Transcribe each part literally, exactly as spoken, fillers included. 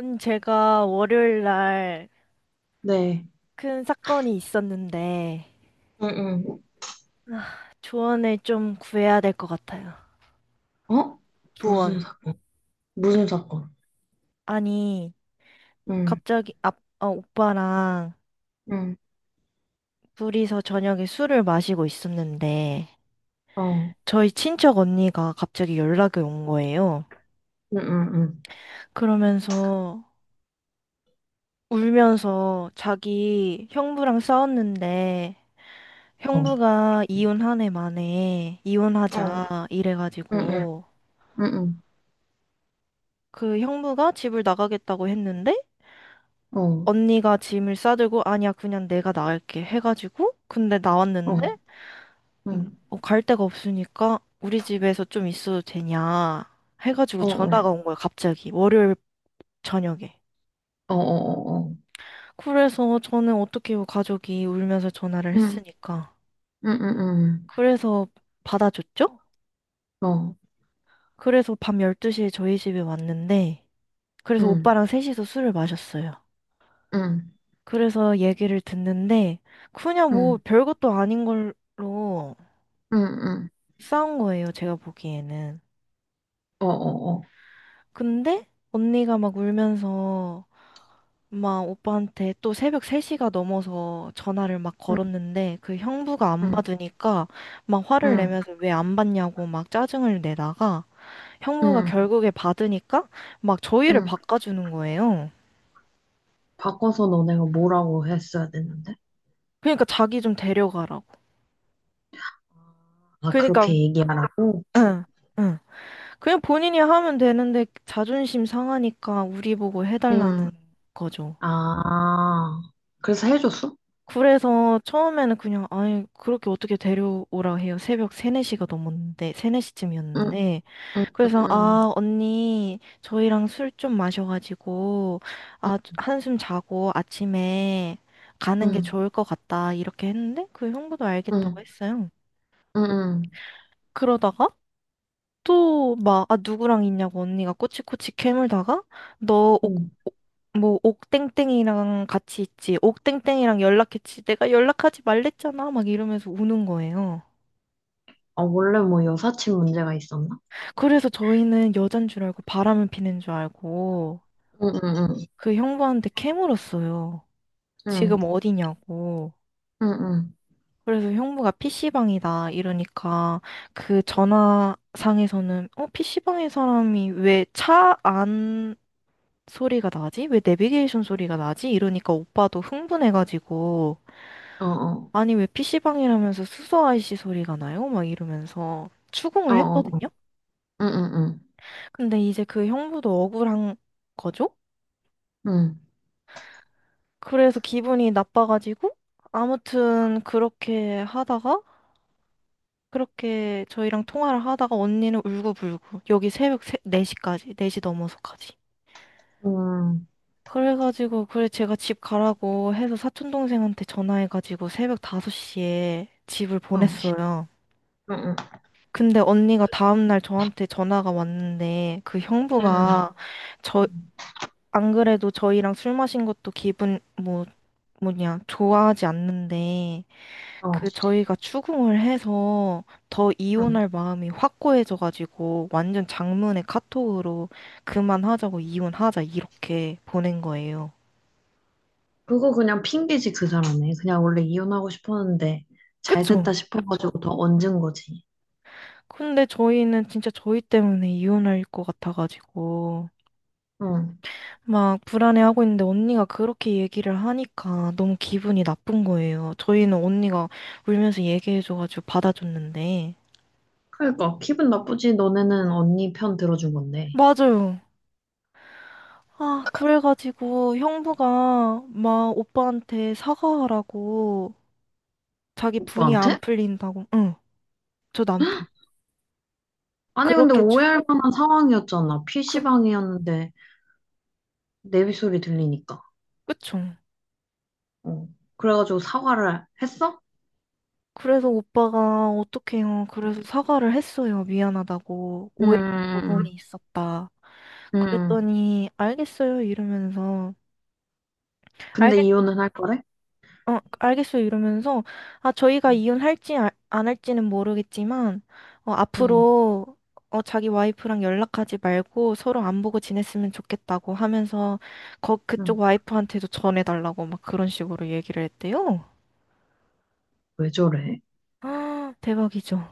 음, 제가 월요일 날 네. 큰 사건이 있었는데 응, 조언을 좀 구해야 될 것 같아요. 응. 어? 무슨 조언. 사건? 무슨 사건? 아니, 응, 갑자기 아, 어, 오빠랑 응, 둘이서 저녁에 술을 마시고 있었는데 어, 저희 친척 언니가 갑자기 연락이 온 거예요. 응, 응, 응, 그러면서 울면서 자기 형부랑 싸웠는데 어, 형부가 이혼 한 해 만에 어, 이혼하자 응, 응, 이래가지고 응, 그 형부가 집을 나가겠다고 했는데 응, 어, 언니가 짐을 싸들고, 아니야, 그냥 내가 나갈게 해가지고 근데 어, 나왔는데 응, 어, 갈 데가 없으니까 우리 집에서 좀 있어도 되냐 해가지고 어 어, 전화가 온 거야, 갑자기, 월요일 저녁에. 어, 어, 어, 어, 그래서 저는 어떻게 해요? 가족이 울면서 전화를 응, 했으니까. 응, 응, 그래서 받아줬죠. 응, 어, 그래서 밤 열두 시에 저희 집에 왔는데 그래서 응, 오빠랑 셋이서 술을 마셨어요. 응, 그래서 얘기를 듣는데 그냥 뭐 응, 별것도 아닌 걸로 응, 응, 응. 싸운 거예요, 제가 보기에는. 어, 어, 어. 근데 언니가 막 울면서 막 오빠한테 또 새벽 세 시가 넘어서 전화를 막 응, 걸었는데 그 형부가 안 응, 받으니까 막 화를 응, 내면서 왜 안 받냐고 막 짜증을 내다가 형부가 응, 결국에 받으니까 막 저희를 응. 바꿔주는 거예요. 바꿔서 너네가 뭐라고 했어야 됐는데? 그러니까 자기 좀 데려가라고. 아, 그렇게 그러니까. 얘기하라고? 응. 응. 그냥 본인이 하면 되는데 자존심 상하니까 우리 보고 응, 해달라는 거죠. 아, 그래서 해줬어? 그래서 처음에는 그냥, 아니, 그렇게 어떻게 데려오라 해요. 새벽 세, 네 시가 넘었는데, 세, 네 시쯤이었는데. 응, 그래서, 응, 아, 언니, 저희랑 술 좀 마셔가지고, 아, 한숨 자고 아침에 가는 게 응, 좋을 것 같다. 이렇게 했는데, 그 형부도 응, 알겠다고 응, 했어요. 응, 응. 그러다가, 또 막, 아, 누구랑 있냐고 언니가 꼬치꼬치 캐물다가 너 옥, 응. 옥- 뭐 옥땡땡이랑 같이 있지, 옥땡땡이랑 연락했지, 내가 연락하지 말랬잖아, 막 이러면서 우는 거예요. 아, 원래 뭐 여사친 문제가 있었나? 그래서 저희는 여잔 줄 알고 바람을 피는 줄 알고 응, 응, 그 형부한테 캐물었어요. 응, 지금 어디냐고. 응, 응, 응, 그래서 형부가 피시방이다 이러니까 그 전화상에서는, 어 피시방에 사람이 왜차안 소리가 나지? 왜 내비게이션 소리가 나지? 이러니까 오빠도 흥분해가지고, 어, 어, 아니, 왜 피시방이라면서 수소 아이씨 소리가 나요? 막 이러면서 어, 추궁을 어, 했거든요? 응, 응, 응, 근데 이제 그 형부도 억울한 거죠? 응, 그래서 기분이 나빠가지고, 아무튼 그렇게 하다가, 그렇게 저희랑 통화를 하다가 언니는 울고불고, 여기 새벽 네 시까지, 네 시 넘어서까지. 응, 그래가지고, 그래, 제가 집 가라고 해서 사촌동생한테 전화해가지고 새벽 다섯 시에 집을 어, 보냈어요. 응, 응, 근데 언니가 다음날 저한테 전화가 왔는데 그 응, 형부가, 저, 안 그래도 저희랑 술 마신 것도, 기분, 뭐, 뭐냐, 좋아하지 않는데 어, 그 저희가 추궁을 해서 더 응. 이혼할 마음이 확고해져가지고 완전 장문의 카톡으로 그만하자고, 이혼하자, 이렇게 보낸 거예요. 그거 그냥 핑계지, 그 사람이. 그냥 원래 이혼하고 싶었는데 잘 됐다 그쵸? 싶어가지고 더 얹은 거지. 근데 저희는 진짜 저희 때문에 이혼할 것 같아가지고 응. 막 불안해하고 있는데 언니가 그렇게 얘기를 하니까 너무 기분이 나쁜 거예요. 저희는 언니가 울면서 얘기해줘가지고 받아줬는데. 그러니까 기분 나쁘지. 너네는 언니 편 들어준 건데. 맞아요. 아, 그래가지고 형부가 막 오빠한테 사과하라고, 자기 분이 안 오빠한테? 풀린다고. 응. 저 남편. 아니, 근데 그렇게 오해할 추궁. 만한 상황이었잖아. 그 피시방이었는데. 내비 소리 들리니까. 그쵸. 어. 그래가지고 사과를 했어? 그래서 오빠가 어떡해요. 그래서 사과를 했어요. 미안하다고. 오해한 부분이 음, 있었다. 음, 그랬더니 알겠어요 이러면서 근데 알겠 이혼은 할 거래? 어 알겠어요 이러면서 아 저희가 이혼할지 아- 안 할지는 모르겠지만 어 음, 앞으로 어 자기 와이프랑 연락하지 말고 서로 안 보고 지냈으면 좋겠다고 하면서, 거 음. 그쪽 와이프한테도 전해달라고 막 그런 식으로 얘기를 했대요. 왜 저래? 아, 대박이죠.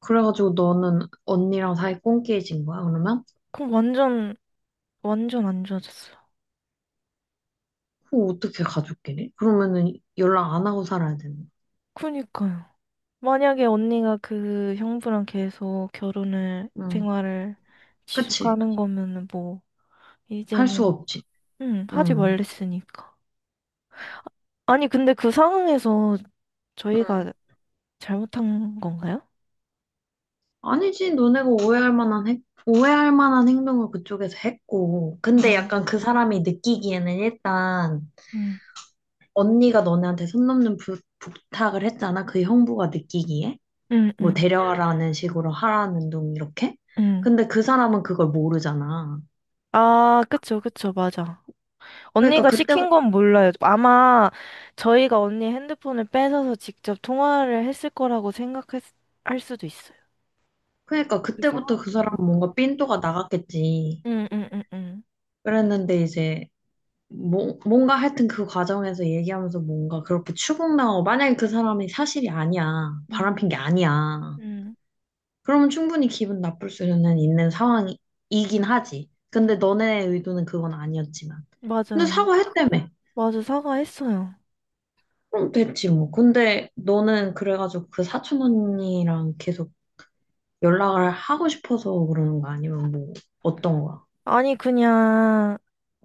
그래가지고 너는 언니랑 사이 꽁끼해진 거야, 그러면? 그럼 완전 완전 안 좋아졌어요. 그거 어떻게 가족끼리? 그러면은 연락 안 하고 살아야 되는 그니까요. 만약에 언니가 그 형부랑 계속 결혼을, 거야. 음, 생활을 그치? 지속하는 거면은 뭐, 할 수 이제는, 없지. 응, 하지 음, 말랬으니까. 아니, 근데 그 상황에서 음, 저희가 잘못한 건가요? 아니지, 너네가 오해할 만한 행, 오해할 만한 행동을 그쪽에서 했고. 근데 응, 약간 그 사람이 느끼기에는 일단 응, 언니가 너네한테 손 넘는 부, 부탁을 했잖아. 그 형부가 느끼기에. 응, 뭐 응, 응, 데려가라는 식으로 하라는 둥 이렇게. 응. 근데 그 사람은 그걸 모르잖아. 아, 그쵸, 그쵸, 맞아. 그러니까 언니가 그때부터 시킨 건 몰라요, 아마. 저희가 언니 핸드폰을 뺏어서 직접 통화를 했을 거라고 생각할 수- 할 수도 있어요. 그러니까 그 그때부터 그 상황은 사람은 모르니까. 뭔가 삔또가 나갔겠지. 응, 응, 응, 그랬는데 이제 뭐, 뭔가 하여튼 그 과정에서 얘기하면서 뭔가 그렇게 추궁당하고 만약에 그 사람이 사실이 아니야. 응. 바람핀 게 아니야. 음, 그러면 충분히 기분 나쁠 수는 있는 상황이긴 하지. 음, 근데 너네 의도는 그건 아니었지만. 근데 맞아요. 사과했다며. 맞아, 사과했어요. 그럼 됐지 뭐. 근데 너는 그래가지고 그 사촌 언니랑 계속 연락을 하고 싶어서 그러는 거 아니면 뭐 어떤 거야? 아니, 그냥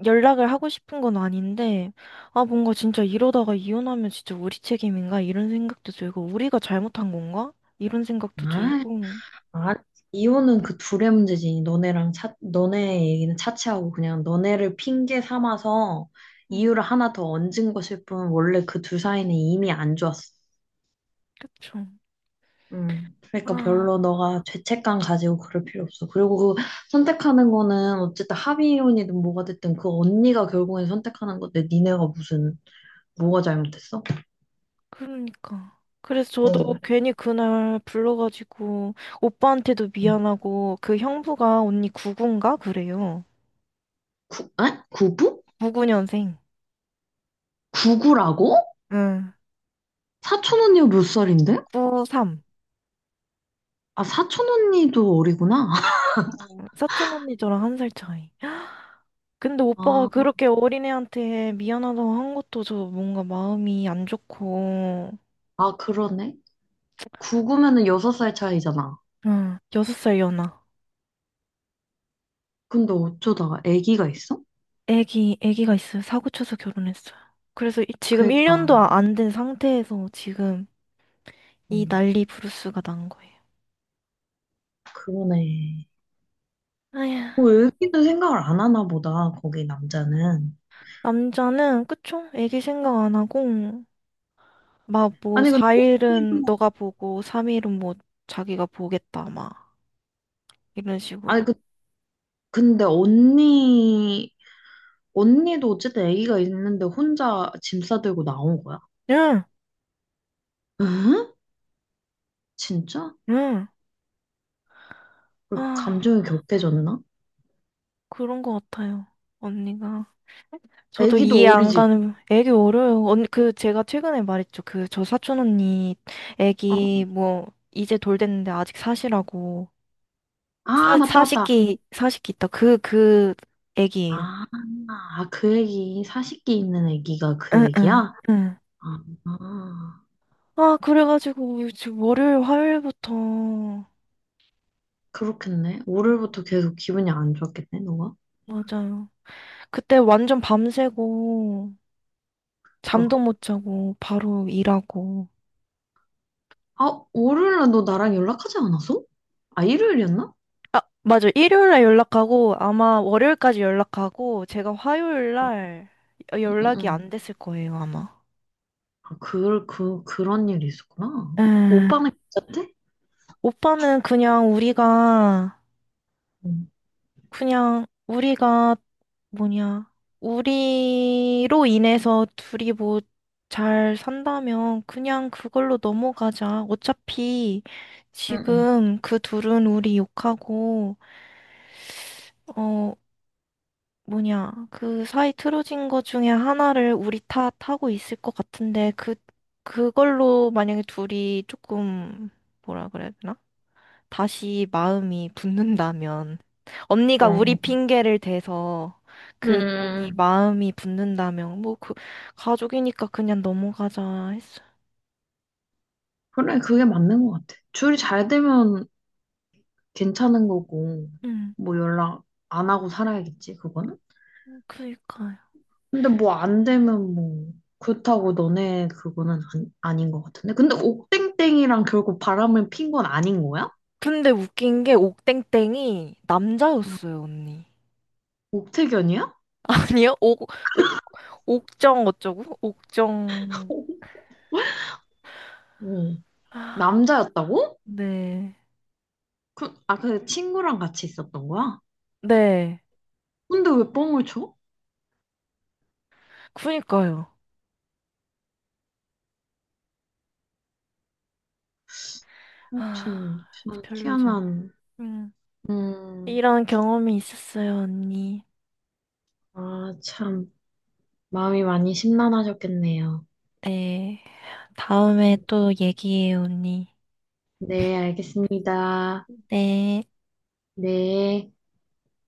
연락을 하고 싶은 건 아닌데, 아, 뭔가 진짜 이러다가 이혼하면 진짜 우리 책임인가? 이런 생각도 들고, 우리가 잘못한 건가? 이런 생각도 아, 들고. 아, 이혼은 그 둘의 문제지. 너네랑 차, 너네 얘기는 차치하고 그냥 너네를 핑계 삼아서 음. 이유를 하나 더 얹은 것일 뿐 원래 그 둘 사이는 이미 안 좋았어. 그쵸. 음, 그러니까 아, 별로 너가 죄책감 가지고 그럴 필요 없어. 그리고 그 선택하는 거는 어쨌든 합의혼이든 뭐가 됐든 그 언니가 결국엔 선택하는 건데 니네가 무슨 뭐가 잘못했어? 그러니까. 그래서 저도 응. 괜히 그날 불러가지고 오빠한테도 응. 미안하고. 그 형부가 언니 구십구인가? 그래요. 구, 에? 구부? 구십구 년생. 구구라고? 응, 사촌 언니가 몇 살인데? 구삼. 아, 사촌 언니도 어리구나. 사촌 언니 저랑 한 살 차이. 근데 오빠가 아, 그렇게 어린애한테 미안하다고 한 것도 저 뭔가 마음이 안 좋고. 아 그러네. 구구면은 여섯 살 차이잖아. 응, 여섯 살 연하. 근데 어쩌다가 아기가 있어? 애기, 애기가 있어요. 사고 쳐서 결혼했어요. 그래서 이- 지금 그러니까, 일 년도 안 된 상태에서 지금 이 음, 난리 부르스가 난 거예요. 그러네. 아휴. 뭐, 아기는 생각을 안 하나 보다, 거기 남자는. 남자는, 그쵸? 애기 생각 안 하고, 막 뭐, 아니 근데 사 일은 언니도 너가 보고, 삼 일은 뭐, 자기가 보겠다, 막, 이런 식으로. 아니 그 근데 언니 언니도 어쨌든 아기가 있는데 혼자 짐 싸들고 나온 거야? 응, 응? 진짜? 응. 왜 아, 감정이 격해졌나? 그런 거 같아요, 언니가. 저도 이해 아기도 안 어리지? 가는 애기 어려요. 언니, 그 제가 최근에 말했죠, 그 저 사촌 언니 애기. 어. 뭐 이제 돌 됐는데 아직 사시라고, 아 사 맞다 맞다. 사십기 사십기 있다, 그 그 애기예요. 아, 아, 그 애기 사십기 있는 애기가 그 응응. 응. 애기야? 응. 아, 아, 아, 그래가지고 지금 월요일 화요일부터. 음, 그렇겠네. 월요일부터 계속 기분이 안 좋았겠네, 너가? 맞아요. 그때 완전 밤새고 어. 잠도 못 자고 바로 일하고. 아, 월요일날 너 나랑 연락하지 않았어? 아, 일요일이었나? 아, 맞아. 일요일날 연락하고 아마 월요일까지 연락하고 제가 응, 화요일날 응, 응. 연락이 응. 안 됐을 거예요, 아마. 아, 그, 그, 그런 일이 있었구나. 음. 오빠는 괜찮대? 오빠는 그냥 우리가, 응. 그냥 우리가 뭐냐, 우리로 인해서 둘이 뭐 잘 산다면 그냥 그걸로 넘어가자. 어차피 응, 지금 그 둘은 우리 욕하고, 어 뭐냐, 그 사이 틀어진 거 중에 하나를 우리 탓하고 있을 것 같은데, 그, 그걸로 만약에 둘이 조금, 뭐라 그래야 되나, 다시 마음이 응. 붙는다면, 언니가 우리 어. 핑계를 대서 응. 그 둘이 응, 마음이 붙는다면, 뭐 그, 가족이니까 그냥 넘어가자 했어. 그래, 그게 맞는 것 같아. 줄이 잘 되면 괜찮은 거고, 응, 뭐 연락 안 하고 살아야겠지, 그거는? 그니까요. 근데 뭐 안 되면 뭐, 그렇다고 너네 그거는 아, 닌것 같은데? 근데 옥땡땡이랑 결국 바람을 핀 건 아닌 거야? 근데 웃긴 게 옥땡땡이 응. 남자였어요, 언니. 옥태견이야? 아니요? 옥, 옥, 옥정 어쩌고? 옥정. 어. 남자였다고? 네. 그, 아, 그 친구랑 같이 있었던 거야? 네. 근데 왜 뻥을 쳐? 그니까요. 하여 아, 튼 참 별로 좀. 희한한 음. 음, 이런 경험이 있었어요, 언니. 아, 참 마음이 많이 심란하셨겠네요. 네. 다음에 또 얘기해요, 언니. 네, 알겠습니다. 네. 네.